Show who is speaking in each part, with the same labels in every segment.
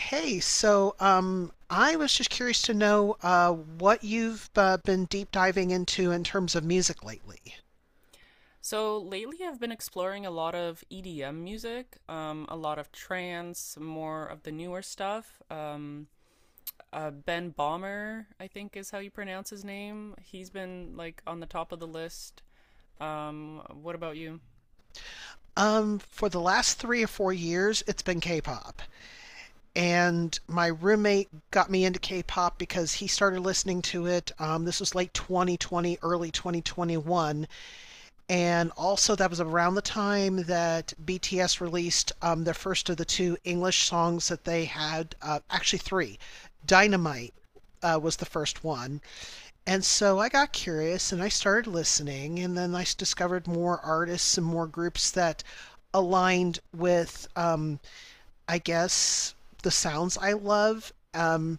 Speaker 1: Hey, so I was just curious to know what you've been deep diving into in terms of music lately.
Speaker 2: So lately, I've been exploring a lot of EDM music, a lot of trance, more of the newer stuff. Ben Bomber, I think is how you pronounce his name. He's been like on the top of the list. What about you?
Speaker 1: For the last 3 or 4 years, it's been K-pop, and my roommate got me into K-pop because he started listening to it. This was late 2020, early 2021. And also, that was around the time that BTS released their first of the two English songs that they had, actually, three. Dynamite was the first one. And so I got curious and I started listening, and then I discovered more artists and more groups that aligned with, I guess, the sounds I love.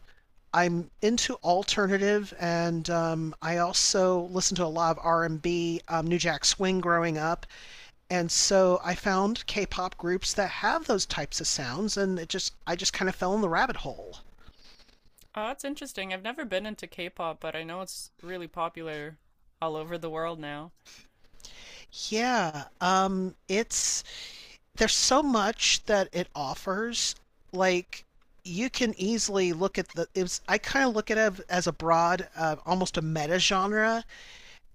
Speaker 1: I'm into alternative, and I also listened to a lot of R&B, New Jack Swing growing up, and so I found K-pop groups that have those types of sounds, and it just I just kind of fell in the rabbit hole.
Speaker 2: Oh, that's interesting. I've never been into K-pop, but I know it's really popular all over the world now.
Speaker 1: Yeah, it's there's so much that it offers. Like you can easily look at the. I kind of look at it as a broad, almost a meta genre.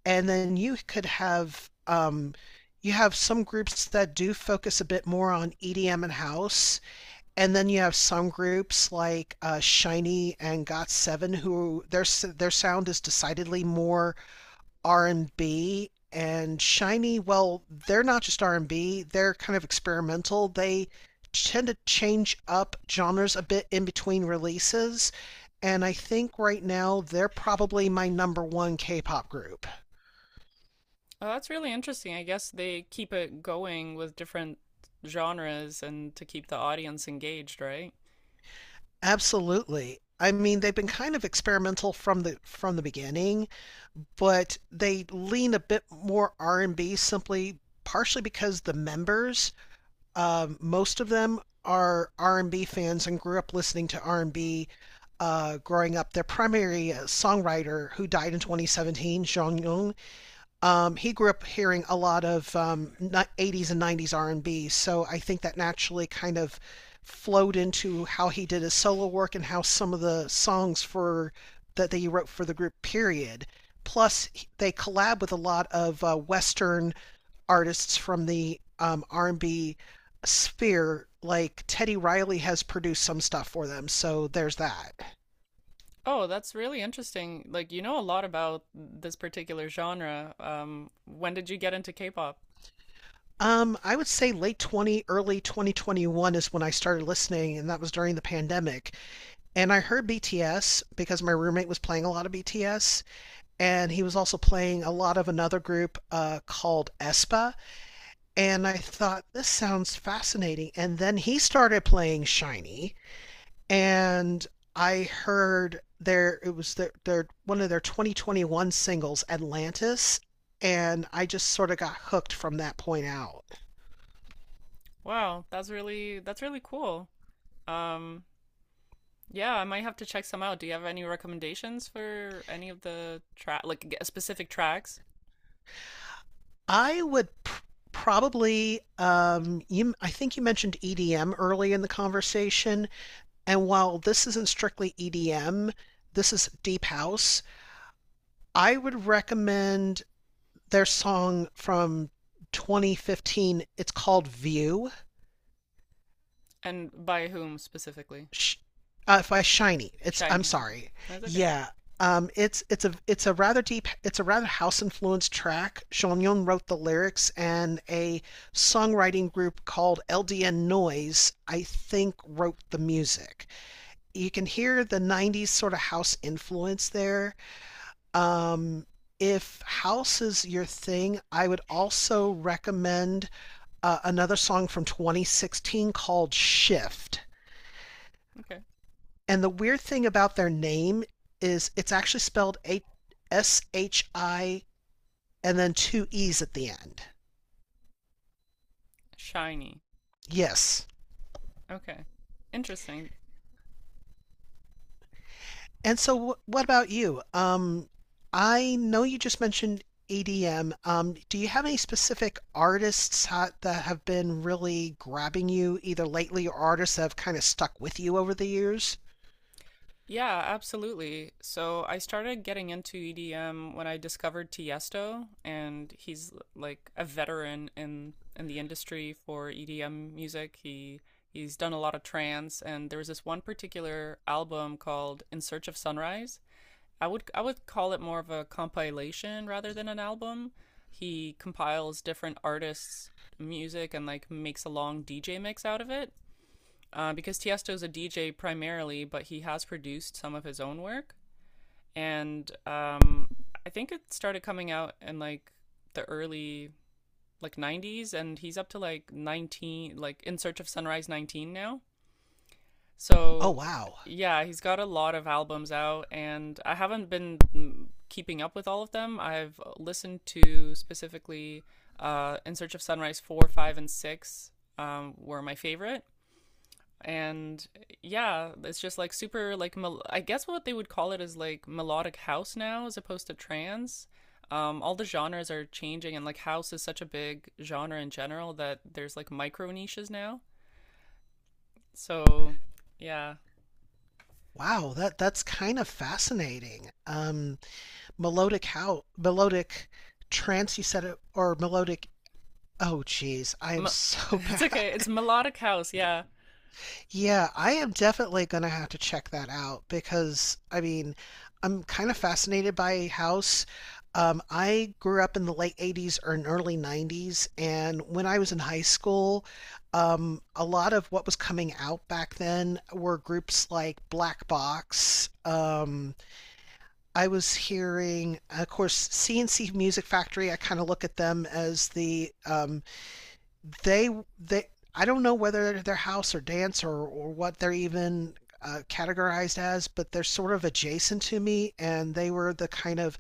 Speaker 1: And then you have some groups that do focus a bit more on EDM and house, and then you have some groups like Shiny and Got7, who their sound is decidedly more R&B and B. And Shiny, well, they're not just R&B, they're kind of experimental. They tend to change up genres a bit in between releases, and I think right now they're probably my number one K-pop group.
Speaker 2: Oh, that's really interesting. I guess they keep it going with different genres and to keep the audience engaged, right?
Speaker 1: Absolutely. I mean, they've been kind of experimental from the beginning, but they lean a bit more R&B simply partially because the members, most of them are R&B fans and grew up listening to R&B growing up. Their primary songwriter, who died in 2017, Jeong Young, he grew up hearing a lot of 80s and 90s R&B, so I think that naturally kind of flowed into how he did his solo work and how some of the songs for that they wrote for the group. Period. Plus, they collab with a lot of Western artists from the R&B sphere. Like Teddy Riley has produced some stuff for them, so there's that.
Speaker 2: Oh, that's really interesting. Like, you know a lot about this particular genre. When did you get into K-pop?
Speaker 1: I would say late 20, early 2021 is when I started listening, and that was during the pandemic. And I heard BTS because my roommate was playing a lot of BTS, and he was also playing a lot of another group called Espa. And I thought, this sounds fascinating. And then he started playing Shiny, and I heard their it was their one of their 2021 singles, Atlantis, and I just sort of got hooked from that point out.
Speaker 2: Wow, that's really cool. Um, yeah, I might have to check some out. Do you have any recommendations for any of the track, like specific tracks,
Speaker 1: I would pr probably, I think you mentioned EDM early in the conversation, and while this isn't strictly EDM, this is deep house. I would recommend their song from 2015. It's called View.
Speaker 2: and by whom specifically?
Speaker 1: sh- by Shiny. It's I'm
Speaker 2: Shiny. Okay,
Speaker 1: sorry.
Speaker 2: that's okay.
Speaker 1: Yeah. It's a rather house influenced track. Seonyeon wrote the lyrics, and a songwriting group called LDN Noise, I think, wrote the music. You can hear the '90s sort of house influence there. Um, if house is your thing, I would also recommend another song from 2016 called Shift.
Speaker 2: Okay,
Speaker 1: And the weird thing about their name is it's actually spelled S H I and then two E's at the end.
Speaker 2: Shiny.
Speaker 1: Yes.
Speaker 2: Okay, interesting.
Speaker 1: And so, what about you? I know you just mentioned EDM. Do you have any specific artists that have been really grabbing you, either lately or artists that have kind of stuck with you over the years?
Speaker 2: Yeah, absolutely. So I started getting into EDM when I discovered Tiesto, and he's like a veteran in the industry for EDM music. He's done a lot of trance, and there was this one particular album called In Search of Sunrise. I would call it more of a compilation rather than an album. He compiles different artists' music and like makes a long DJ mix out of it, because Tiesto's a DJ primarily, but he has produced some of his own work. And I think it started coming out in like the early, like 90s, and he's up to like 19, like In Search of Sunrise 19 now.
Speaker 1: Oh,
Speaker 2: So
Speaker 1: wow.
Speaker 2: yeah, he's got a lot of albums out, and I haven't been keeping up with all of them. I've listened to specifically In Search of Sunrise 4, 5, and 6 were my favorite, and yeah, it's just like super, like I guess what they would call it is like melodic house now, as opposed to trance. All the genres are changing, and like house is such a big genre in general that there's like micro niches now. So yeah.
Speaker 1: Wow, that's kind of fascinating. Melodic, how melodic, trancey, set of, or melodic. Oh geez, I am
Speaker 2: Me-
Speaker 1: so
Speaker 2: it's okay, it's
Speaker 1: bad.
Speaker 2: melodic house, yeah.
Speaker 1: Yeah, I am definitely gonna have to check that out because I mean I'm kind of fascinated by house. I grew up in the late 80s or in early 90s, and when I was in high school, a lot of what was coming out back then were groups like Black Box. I was hearing, of course, C and C Music Factory. I kind of look at them as the they they. I don't know whether they're house or dance or what they're even categorized as, but they're sort of adjacent to me, and they were the kind of,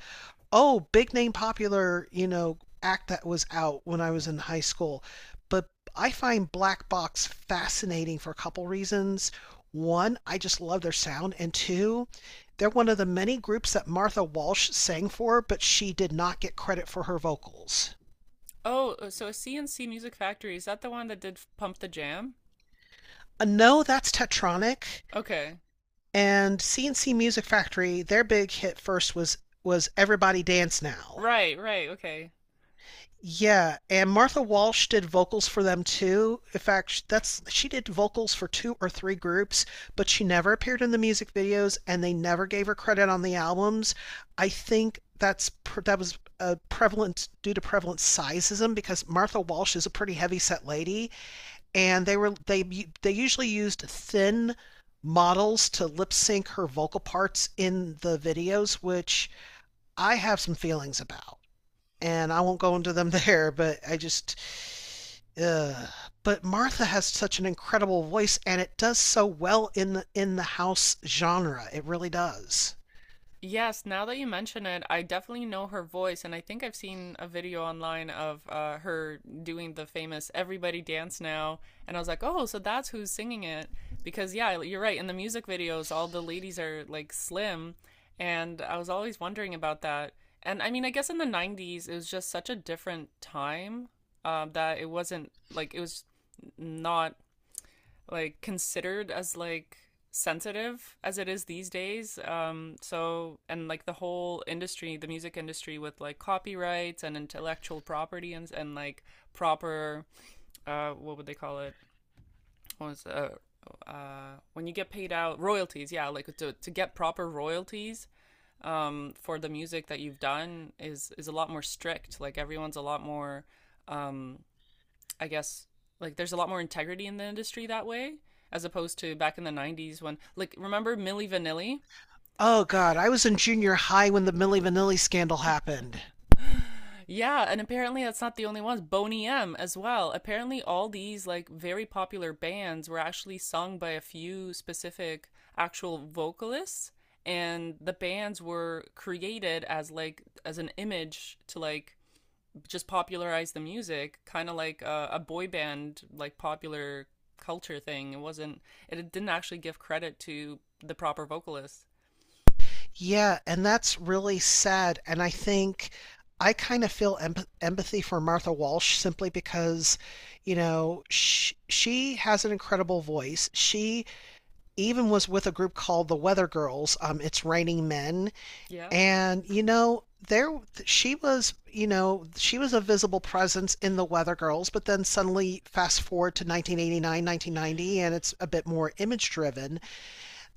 Speaker 1: oh, big name popular, act that was out when I was in high school. But I find Black Box fascinating for a couple reasons. One, I just love their sound, and two, they're one of the many groups that Martha Walsh sang for, but she did not get credit for her vocals.
Speaker 2: Oh, so CNC Music Factory, is that the one that did Pump the Jam?
Speaker 1: No, that's Tetronic
Speaker 2: Okay,
Speaker 1: and CNC Music Factory. Their big hit first was Everybody Dance Now.
Speaker 2: right, right, okay.
Speaker 1: Yeah, and Martha Walsh did vocals for them too. In fact, that's she did vocals for two or three groups, but she never appeared in the music videos and they never gave her credit on the albums. I think that was a prevalent due to prevalent sizeism because Martha Walsh is a pretty heavy set lady, and they were they usually used thin models to lip sync her vocal parts in the videos, which I have some feelings about, and I won't go into them there, but I just. Uh, but Martha has such an incredible voice, and it does so well in the house genre. It really does.
Speaker 2: Yes, now that you mention it, I definitely know her voice, and I think I've seen a video online of her doing the famous Everybody Dance Now. And I was like, oh, so that's who's singing it. Because, yeah, you're right. In the music videos, all the ladies are like slim. And I was always wondering about that. And I mean, I guess in the 90s, it was just such a different time, that it wasn't, like it was not like considered as like sensitive as it is these days. So, and like the whole industry, the music industry, with like copyrights and intellectual property, and like proper, what would they call it, what was when you get paid out royalties, yeah, like to get proper royalties, for the music that you've done is a lot more strict, like everyone's a lot more, um I guess, like there's a lot more integrity in the industry that way, as opposed to back in the 90s when, like, remember Milli Vanilli?
Speaker 1: Oh, God. I was in junior high when the Millie Vanilli scandal happened.
Speaker 2: Yeah, and apparently that's not the only ones. Boney M as well. Apparently all these like very popular bands were actually sung by a few specific actual vocalists, and the bands were created as like as an image to like just popularized the music, kind of like a boy band, like popular culture thing. It wasn't. It didn't actually give credit to the proper vocalists.
Speaker 1: Yeah, and that's really sad. And I think I kind of feel empathy for Martha Walsh simply because, she has an incredible voice. She even was with a group called the Weather Girls. It's Raining Men.
Speaker 2: Yeah.
Speaker 1: And there she was, she was a visible presence in the Weather Girls, but then suddenly fast forward to 1989, 1990, and it's a bit more image driven.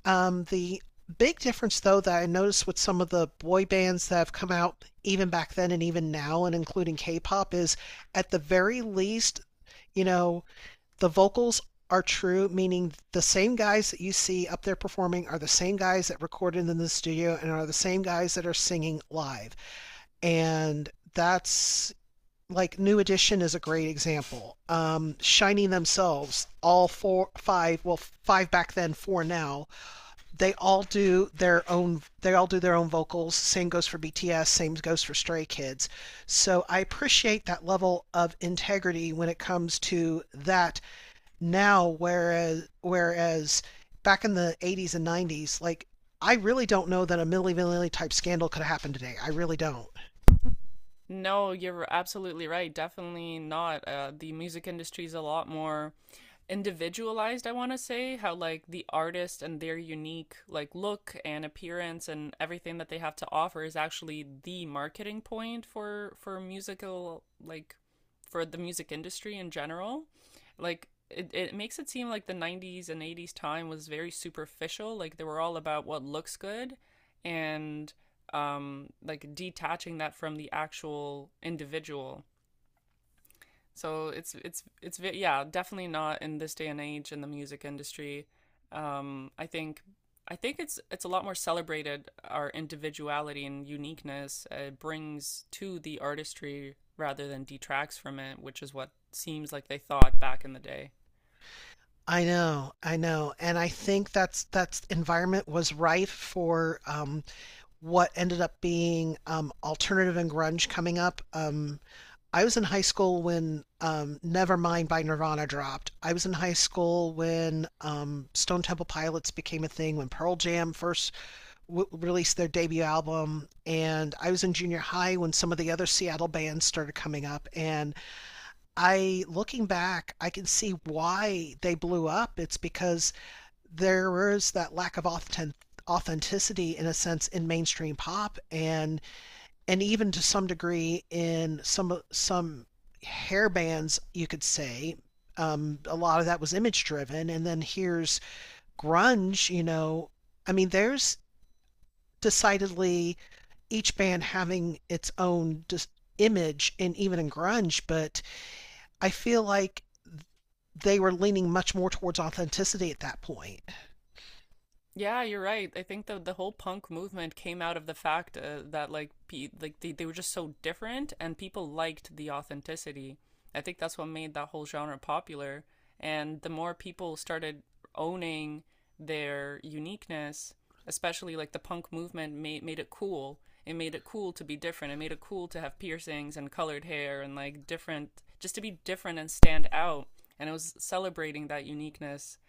Speaker 1: The big difference, though, that I noticed with some of the boy bands that have come out even back then and even now and including K-pop is, at the very least, you know, the vocals are true, meaning the same guys that you see up there performing are the same guys that recorded in the studio and are the same guys that are singing live. And that's, like, New Edition is a great example. Shining themselves, all four, five, well, five back then, four now. They all do their own vocals. Same goes for BTS. Same goes for Stray Kids. So I appreciate that level of integrity when it comes to that now, whereas back in the 80s and 90s, like, I really don't know that a Milli Vanilli type scandal could happen today. I really don't.
Speaker 2: No, you're absolutely right. Definitely not. The music industry is a lot more individualized, I want to say, how like the artist and their unique like look and appearance and everything that they have to offer is actually the marketing point for musical, like for the music industry in general. Like it makes it seem like the 90s and 80s time was very superficial, like they were all about what looks good and like detaching that from the actual individual. So it's yeah, definitely not in this day and age in the music industry. Um, I think I think it's a lot more celebrated our individuality and uniqueness brings to the artistry rather than detracts from it, which is what seems like they thought back in the day.
Speaker 1: I know, and I think that's environment was rife for what ended up being alternative and grunge coming up. I was in high school when Nevermind by Nirvana dropped. I was in high school when Stone Temple Pilots became a thing, when Pearl Jam first released their debut album, and I was in junior high when some of the other Seattle bands started coming up. And I looking back, I can see why they blew up. It's because there was that lack of authenticity in a sense in mainstream pop, and even to some degree in some hair bands, you could say. A lot of that was image driven, and then here's grunge. I mean, there's decidedly each band having its own just image, and even in grunge, but I feel like they were leaning much more towards authenticity at that point.
Speaker 2: Yeah, you're right. I think the whole punk movement came out of the fact that, like pe like they were just so different and people liked the authenticity. I think that's what made that whole genre popular. And the more people started owning their uniqueness, especially like the punk movement made it cool. It made it cool to be different. It made it cool to have piercings and colored hair and like different, just to be different and stand out. And it was celebrating that uniqueness,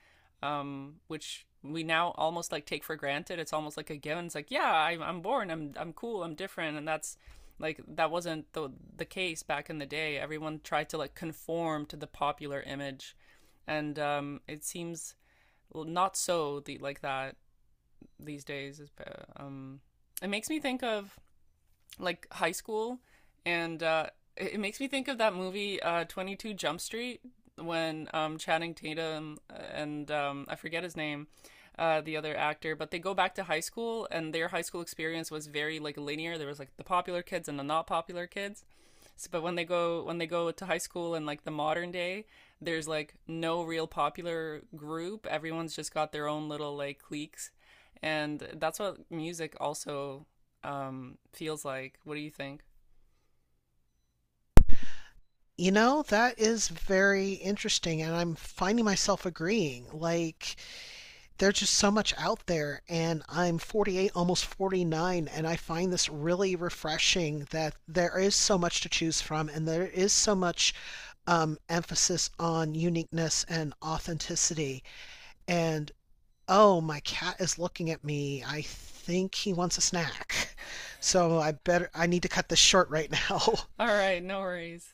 Speaker 2: which we now almost like take for granted. It's almost like a given. It's like, yeah, I'm, born, I'm cool, I'm different. And that's like, that wasn't the case back in the day. Everyone tried to like conform to the popular image. And it seems, well, not so like that these days. Um, it makes me think of like high school, and it makes me think of that movie, 22 Jump Street, when Channing Tatum and, I forget his name. The other actor, but they go back to high school, and their high school experience was very like linear. There was like the popular kids and the not popular kids, so, but when they go to high school in like the modern day, there's like no real popular group. Everyone's just got their own little like cliques, and that's what music also feels like. What do you think?
Speaker 1: That is very interesting, and I'm finding myself agreeing. Like, there's just so much out there, and I'm 48, almost 49, and I find this really refreshing that there is so much to choose from, and there is so much emphasis on uniqueness and authenticity. And, oh, my cat is looking at me. I think he wants a snack. So I need to cut this short right now.
Speaker 2: All right, no worries.